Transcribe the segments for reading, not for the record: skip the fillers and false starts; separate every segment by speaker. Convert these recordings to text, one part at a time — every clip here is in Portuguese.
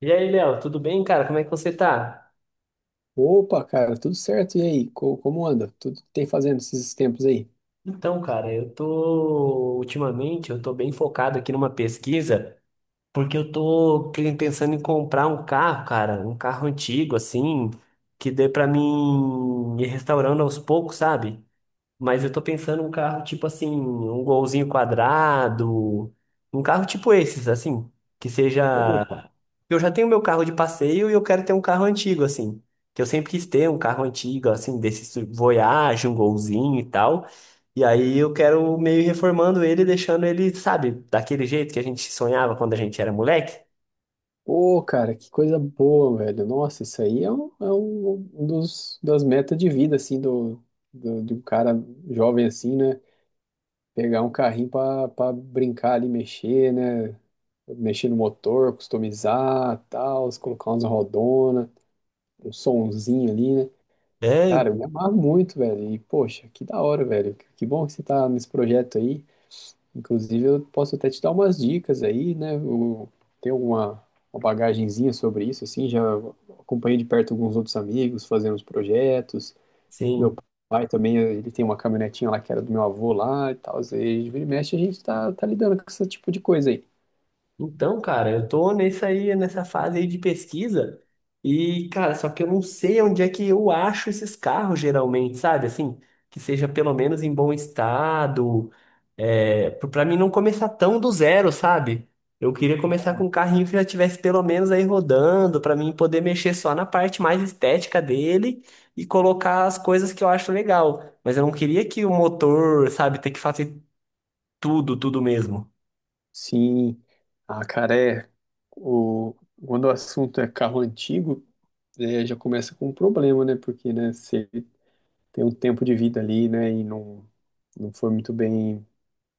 Speaker 1: E aí, Léo, tudo bem, cara? Como é que você tá?
Speaker 2: Opa, cara, tudo certo? E aí, como anda? Tudo que tem fazendo esses tempos aí?
Speaker 1: Então, cara, eu tô bem focado aqui numa pesquisa, porque eu tô pensando em comprar um carro, cara, um carro antigo assim, que dê pra mim ir restaurando aos poucos, sabe? Mas eu tô pensando um carro tipo assim, um golzinho quadrado, um carro tipo esses, assim, que
Speaker 2: Opa,
Speaker 1: seja. Eu já tenho meu carro de passeio e eu quero ter um carro antigo, assim. Que eu sempre quis ter um carro antigo, assim, desse Voyage, um golzinho e tal. E aí eu quero meio reformando ele, deixando ele, sabe, daquele jeito que a gente sonhava quando a gente era moleque.
Speaker 2: ô, cara, que coisa boa, velho. Nossa, isso aí é um dos, das metas de vida, assim, de um cara jovem, assim, né? Pegar um carrinho pra, pra brincar ali, mexer, né? Mexer no motor, customizar, tal, colocar umas rodona, um sonzinho ali, né?
Speaker 1: É,
Speaker 2: Cara, eu me
Speaker 1: então,
Speaker 2: amarro muito, velho. E, poxa, que da hora, velho. Que bom que você tá nesse projeto aí. Inclusive, eu posso até te dar umas dicas aí, né? Eu tenho uma bagagenzinha sobre isso, assim, já acompanhei de perto alguns outros amigos fazendo os projetos. Meu
Speaker 1: sim.
Speaker 2: pai também, ele tem uma caminhonetinha lá que era do meu avô lá e tal. E vira e mexe, a gente tá lidando com esse tipo de coisa aí.
Speaker 1: Então, cara, eu tô nessa aí, nessa fase aí de pesquisa e, cara, só que eu não sei onde é que eu acho esses carros geralmente, sabe? Assim, que seja pelo menos em bom estado, é, pra mim não começar tão do zero, sabe? Eu queria começar com um carrinho que já tivesse pelo menos aí rodando, pra mim poder mexer só na parte mais estética dele e colocar as coisas que eu acho legal. Mas eu não queria que o motor, sabe, ter que fazer tudo mesmo.
Speaker 2: Sim, ah, cara, é, o, quando o assunto é carro antigo, é, já começa com um problema, né? Porque, né, se ele tem um tempo de vida ali, né, e não foi muito bem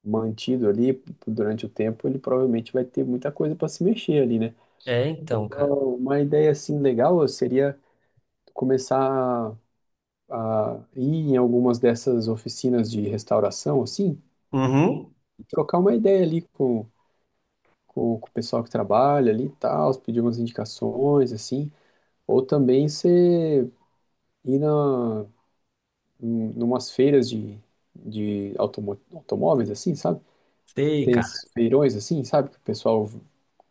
Speaker 2: mantido ali durante o tempo, ele provavelmente vai ter muita coisa para se mexer ali, né?
Speaker 1: É, então, cara.
Speaker 2: Então, uma ideia assim legal seria começar a ir em algumas dessas oficinas de restauração, assim,
Speaker 1: Uhum.
Speaker 2: e trocar uma ideia ali com o pessoal que trabalha ali e tal, pedir umas indicações, assim, ou também você ir na, em umas feiras de automóveis, assim, sabe?
Speaker 1: Sei,
Speaker 2: Tem esses
Speaker 1: cara.
Speaker 2: feirões assim, sabe? Que o pessoal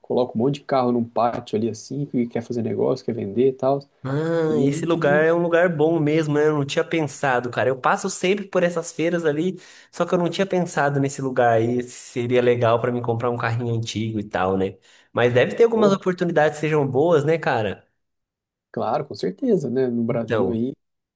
Speaker 2: coloca um monte de carro num pátio ali assim, que quer fazer negócio, quer vender e tal.
Speaker 1: Ah, esse lugar
Speaker 2: E,
Speaker 1: é um lugar bom mesmo, né? Eu não tinha pensado, cara. Eu passo sempre por essas feiras ali, só que eu não tinha pensado nesse lugar aí. Se Seria legal pra mim comprar um carrinho antigo e tal, né? Mas deve ter algumas
Speaker 2: pô,
Speaker 1: oportunidades que sejam boas, né, cara?
Speaker 2: claro, com certeza, né? No Brasil
Speaker 1: Então.
Speaker 2: aí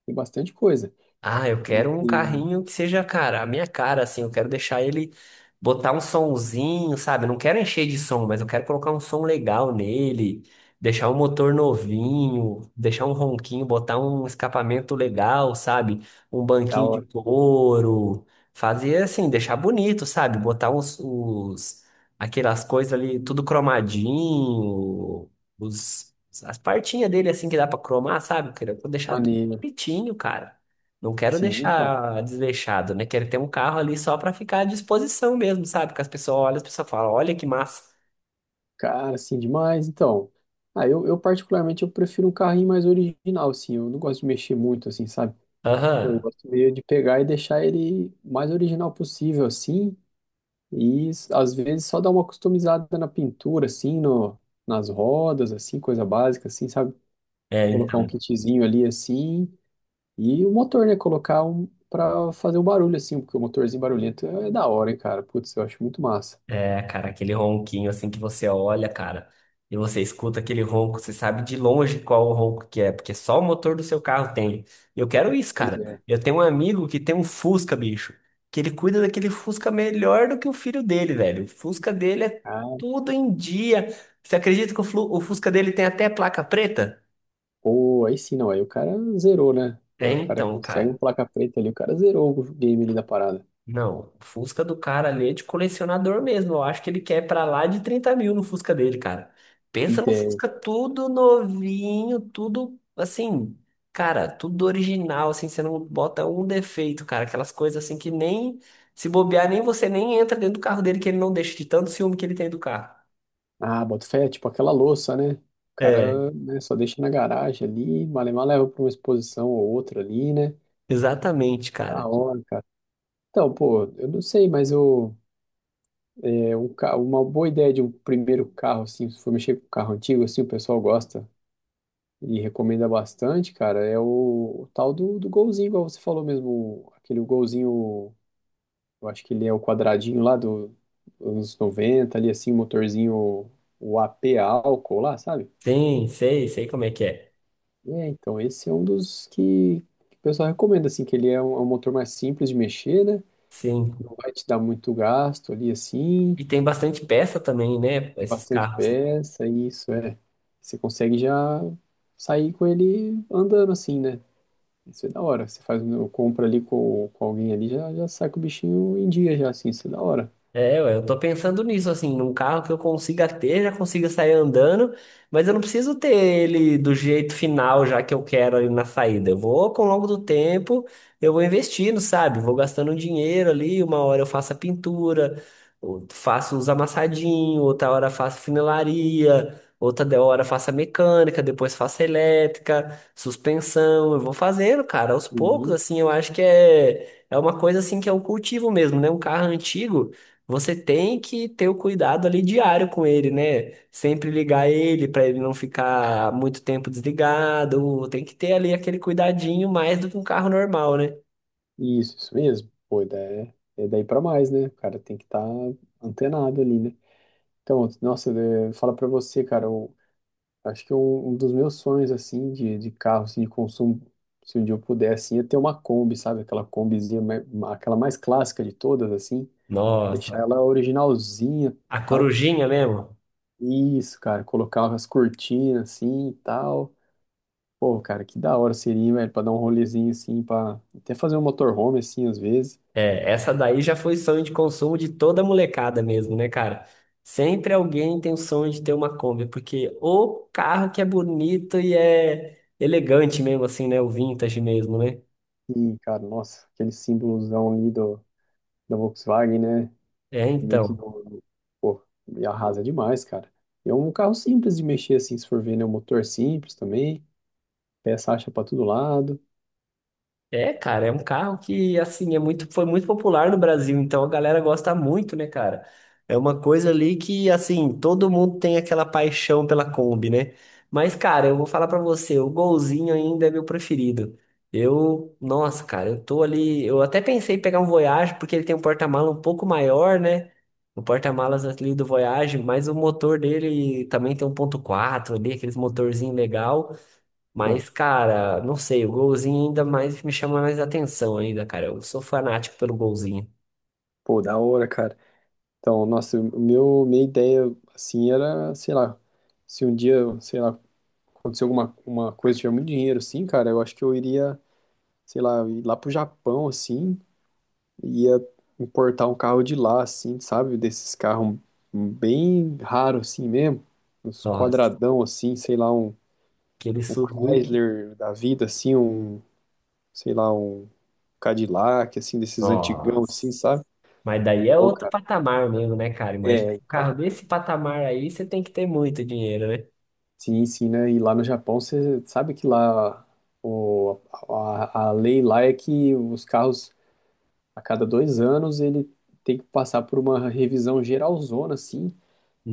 Speaker 2: tem bastante coisa.
Speaker 1: Ah, eu
Speaker 2: E,
Speaker 1: quero um
Speaker 2: e
Speaker 1: carrinho que seja, cara, a minha cara, assim. Eu quero deixar ele botar um somzinho, sabe? Eu não quero encher de som, mas eu quero colocar um som legal nele, deixar o motor novinho, deixar um ronquinho, botar um escapamento legal, sabe? Um
Speaker 2: da
Speaker 1: banquinho de
Speaker 2: hora,
Speaker 1: couro, fazer assim, deixar bonito, sabe? Botar aquelas coisas ali, tudo cromadinho, os, as partinhas dele, assim, que dá pra cromar, sabe? Eu quero deixar tudo
Speaker 2: maneiro.
Speaker 1: bonitinho, cara. Não quero
Speaker 2: Sim, então,
Speaker 1: deixar desleixado, né? Quero ter um carro ali só pra ficar à disposição mesmo, sabe? Que as pessoas olham, as pessoas falam, olha que massa.
Speaker 2: cara, assim, demais. Então, ah, eu particularmente eu prefiro um carrinho mais original, assim. Eu não gosto de mexer muito, assim, sabe? Eu
Speaker 1: Aham.
Speaker 2: gosto meio de pegar e deixar ele mais original possível, assim. E às vezes só dar uma customizada na pintura, assim, no, nas rodas, assim, coisa básica, assim, sabe?
Speaker 1: É,
Speaker 2: Colocar um
Speaker 1: então.
Speaker 2: kitzinho ali assim. E o motor, né? Colocar um pra fazer um barulho assim, porque o motorzinho barulhento é da hora, hein, cara. Putz, eu acho muito massa.
Speaker 1: É, cara, aquele ronquinho assim que você olha, cara, e você escuta aquele ronco, você sabe de longe qual o ronco que é, porque só o motor do seu carro tem. Eu quero isso,
Speaker 2: Pois
Speaker 1: cara.
Speaker 2: é.
Speaker 1: Eu tenho um amigo que tem um Fusca, bicho, que ele cuida daquele Fusca melhor do que o filho dele, velho. O Fusca dele é
Speaker 2: Ah,
Speaker 1: tudo em dia. Você acredita que o o Fusca dele tem até placa preta?
Speaker 2: pô, aí sim, não. Aí o cara zerou, né?
Speaker 1: É
Speaker 2: Agora o cara
Speaker 1: então,
Speaker 2: consegue um
Speaker 1: cara.
Speaker 2: placa preta ali, o cara zerou o game ali da parada.
Speaker 1: Não, o Fusca do cara ali é de colecionador mesmo. Eu acho que ele quer pra lá de 30 mil no Fusca dele, cara. Pensa no
Speaker 2: Ideia.
Speaker 1: Fusca tudo novinho, tudo assim, cara, tudo original, assim, você não bota um defeito, cara. Aquelas coisas assim que nem se bobear, nem você nem entra dentro do carro dele que ele não deixa de tanto ciúme que ele tem do carro.
Speaker 2: Ah, boto fé, é tipo aquela louça, né? O
Speaker 1: É,
Speaker 2: cara, né, só deixa na garagem ali, malemar leva pra uma exposição ou outra ali, né?
Speaker 1: exatamente,
Speaker 2: Da
Speaker 1: cara.
Speaker 2: hora, cara. Então, pô, eu não sei, mas eu. É um carro, uma boa ideia de um primeiro carro, assim, se for mexer com carro antigo, assim, o pessoal gosta e recomenda bastante, cara, é o tal do Golzinho, igual você falou mesmo, aquele Golzinho, eu acho que ele é o quadradinho lá dos anos 90, ali assim, motorzinho, o AP álcool lá, sabe?
Speaker 1: Sim, sei como é que é.
Speaker 2: É, então esse é um que o pessoal recomenda, assim, que ele é um motor mais simples de mexer, né?
Speaker 1: Sim.
Speaker 2: Não vai te dar muito gasto ali, assim.
Speaker 1: E tem bastante peça também, né?
Speaker 2: Tem
Speaker 1: Esses
Speaker 2: bastante
Speaker 1: carros...
Speaker 2: peça, isso é. Você consegue já sair com ele andando assim, né? Isso é da hora. Você faz uma compra ali com alguém ali, já, já sai com o bichinho em dia já, assim, isso é da hora.
Speaker 1: É, ué, eu tô pensando nisso, assim, num carro que eu consiga ter, já consiga sair andando, mas eu não preciso ter ele do jeito final já que eu quero ali na saída. Eu vou, com o longo do tempo, eu vou investindo, sabe? Vou gastando um dinheiro ali, uma hora eu faço a pintura, faço os amassadinhos, outra hora faço funilaria, outra hora faço a mecânica, depois faço a elétrica, suspensão, eu vou fazendo, cara, aos poucos,
Speaker 2: E
Speaker 1: assim, eu acho que é... É uma coisa assim que é um cultivo mesmo, né? Um carro antigo, você tem que ter o cuidado ali diário com ele, né? Sempre ligar ele para ele não ficar muito tempo desligado. Tem que ter ali aquele cuidadinho mais do que um carro normal, né?
Speaker 2: isso mesmo. Pô, e daí pra mais, né? O cara tem que estar antenado ali, né? Então, nossa, é, fala pra você, cara, eu acho que um dos meus sonhos, assim, de carro, assim, de consumo, se um dia eu pudesse, ia ter uma Kombi, sabe? Aquela Kombizinha, aquela mais clássica de todas, assim. Deixar
Speaker 1: Nossa,
Speaker 2: ela originalzinha,
Speaker 1: a
Speaker 2: tal.
Speaker 1: corujinha mesmo?
Speaker 2: Isso, cara, colocar as cortinas assim e tal. Pô, cara, que da hora seria, hein, velho, pra dar um rolezinho assim, pra até fazer um motorhome assim, às vezes.
Speaker 1: É, essa daí já foi sonho de consumo de toda molecada mesmo, né, cara? Sempre alguém tem o sonho de ter uma Kombi, porque o carro que é bonito e é elegante mesmo, assim, né? O vintage mesmo, né?
Speaker 2: E, cara, nossa, aquele símbolozão ali do, da Volkswagen, né?
Speaker 1: É,
Speaker 2: Meio que
Speaker 1: então.
Speaker 2: pô, me arrasa demais, cara. E é um carro simples de mexer assim, se for ver, né? Um motor simples também, peça acha pra todo lado.
Speaker 1: É, cara, é um carro que assim é muito, foi muito popular no Brasil, então a galera gosta muito, né, cara? É uma coisa ali que assim todo mundo tem aquela paixão pela Kombi, né? Mas, cara, eu vou falar pra você, o Golzinho ainda é meu preferido. Eu, nossa, cara, eu tô ali, eu até pensei em pegar um Voyage porque ele tem um porta-mala um pouco maior, né? O porta-malas ali do Voyage, mas o motor dele também tem um 1.4 ali, aqueles motorzinho legal.
Speaker 2: Pô,
Speaker 1: Mas, cara, não sei, o golzinho ainda mais me chama mais atenção ainda, cara. Eu sou fanático pelo golzinho.
Speaker 2: pô, da hora, cara. Então, nossa, minha ideia, assim, era, sei lá, se um dia, sei lá, acontecer alguma uma coisa, tiver muito dinheiro, assim, cara, eu acho que eu iria, sei lá, ir lá pro Japão, assim, e ia importar um carro de lá, assim, sabe? Desses carros bem raros, assim mesmo, uns
Speaker 1: Nossa,
Speaker 2: quadradão, assim, sei lá,
Speaker 1: aquele
Speaker 2: um
Speaker 1: Suzuki.
Speaker 2: Chrysler da vida, assim, um, sei lá, um Cadillac, assim, desses antigão, assim,
Speaker 1: Nossa.
Speaker 2: sabe?
Speaker 1: Mas daí é
Speaker 2: Pô,
Speaker 1: outro
Speaker 2: cara,
Speaker 1: patamar mesmo, né, cara? Imagina
Speaker 2: é,
Speaker 1: um
Speaker 2: então,
Speaker 1: carro desse patamar aí, você tem que ter muito dinheiro, né?
Speaker 2: sim, sim, né? E lá no Japão, você sabe que lá o, a lei lá é que os carros, a cada 2 anos, ele tem que passar por uma revisão geralzona, assim.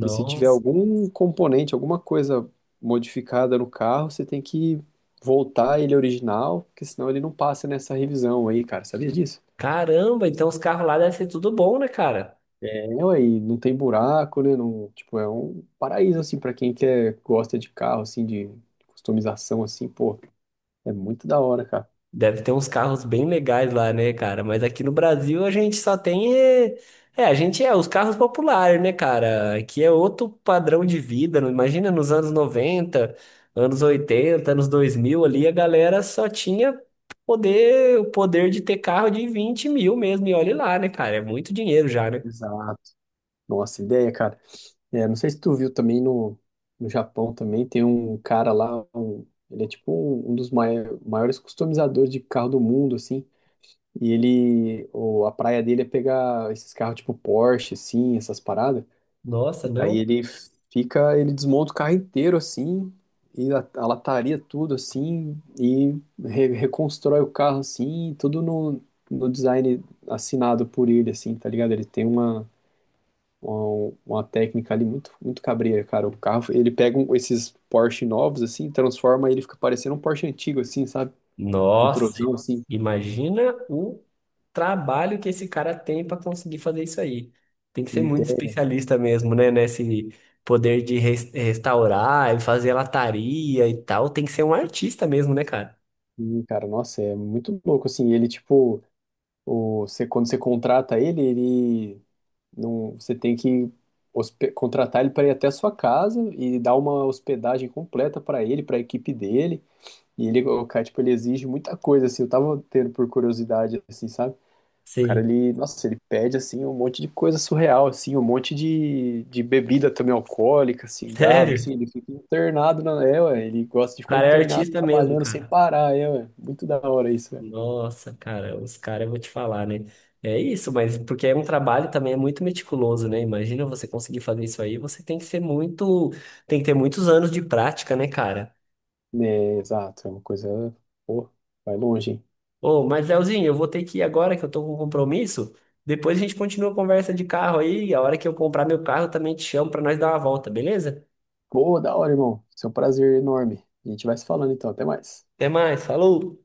Speaker 2: E se tiver algum componente, alguma coisa modificada no carro, você tem que voltar ele original, porque senão ele não passa nessa revisão aí, cara. Sabia disso?
Speaker 1: Caramba, então os carros lá devem ser tudo bom, né, cara?
Speaker 2: É, aí não tem buraco, né? Não, tipo, é um paraíso, assim, pra quem quer, gosta de carro, assim, de customização, assim, pô, é muito da hora, cara.
Speaker 1: Deve ter uns carros bem legais lá, né, cara? Mas aqui no Brasil a gente só tem. É, a gente é os carros populares, né, cara? Aqui é outro padrão de vida. Imagina nos anos 90, anos 80, anos 2000 ali, a galera só tinha poder, o poder de ter carro de 20 mil mesmo. E olha lá, né, cara? É muito dinheiro já, né?
Speaker 2: Exato. Nossa, ideia, cara. É, não sei se tu viu também no, no Japão também, tem um cara lá, um- ele é tipo um dos maiores customizadores de carro do mundo, assim. E ele, o, a praia dele é pegar esses carros tipo Porsche, assim, essas paradas.
Speaker 1: Nossa,
Speaker 2: Daí
Speaker 1: não.
Speaker 2: ele fica, ele desmonta o carro inteiro, assim, e a lataria tudo, assim, e reconstrói o carro, assim, tudo no, no design assinado por ele, assim, tá ligado? Ele tem uma técnica ali muito, muito cabreira, cara. O carro, ele pega um- esses Porsche novos, assim, transforma ele fica parecendo um Porsche antigo, assim, sabe?
Speaker 1: Nossa,
Speaker 2: Retrosão, assim.
Speaker 1: imagina o trabalho que esse cara tem para conseguir fazer isso aí. Tem que ser muito
Speaker 2: Ideia,
Speaker 1: especialista mesmo, né? Nesse poder de restaurar e fazer lataria e tal. Tem que ser um artista mesmo, né, cara?
Speaker 2: assim, cara, nossa, é muito louco, assim. Ele, tipo, o, você, quando você contrata ele, ele não, você tem que contratar ele para ir até a sua casa e dar uma hospedagem completa para ele, para a equipe dele. E ele, o cara, tipo, ele exige muita coisa, assim. Eu tava tendo por curiosidade, assim, sabe? O cara,
Speaker 1: Sim.
Speaker 2: ele, nossa, ele pede, assim, um monte de coisa surreal, assim, um monte de bebida também alcoólica, cigarro,
Speaker 1: Sério?
Speaker 2: assim, ele fica internado, na, é, ué, ele gosta de
Speaker 1: O
Speaker 2: ficar
Speaker 1: cara é
Speaker 2: internado,
Speaker 1: artista mesmo,
Speaker 2: trabalhando sem
Speaker 1: cara.
Speaker 2: parar, é, ué, muito da hora isso, velho.
Speaker 1: Nossa, cara, os caras, eu vou te falar, né? É isso, mas porque é um trabalho também é muito meticuloso, né? Imagina você conseguir fazer isso aí, você tem que ser muito, tem que ter muitos anos de prática, né, cara?
Speaker 2: É, exato, é uma coisa, pô, vai longe, hein.
Speaker 1: Ô, mas Leozinho, eu vou ter que ir agora que eu tô com um compromisso. Depois a gente continua a conversa de carro aí. E a hora que eu comprar meu carro, eu também te chamo pra nós dar uma volta, beleza?
Speaker 2: Pô, da hora, irmão, isso é um prazer enorme. A gente vai se falando, então, até mais.
Speaker 1: Até mais, falou!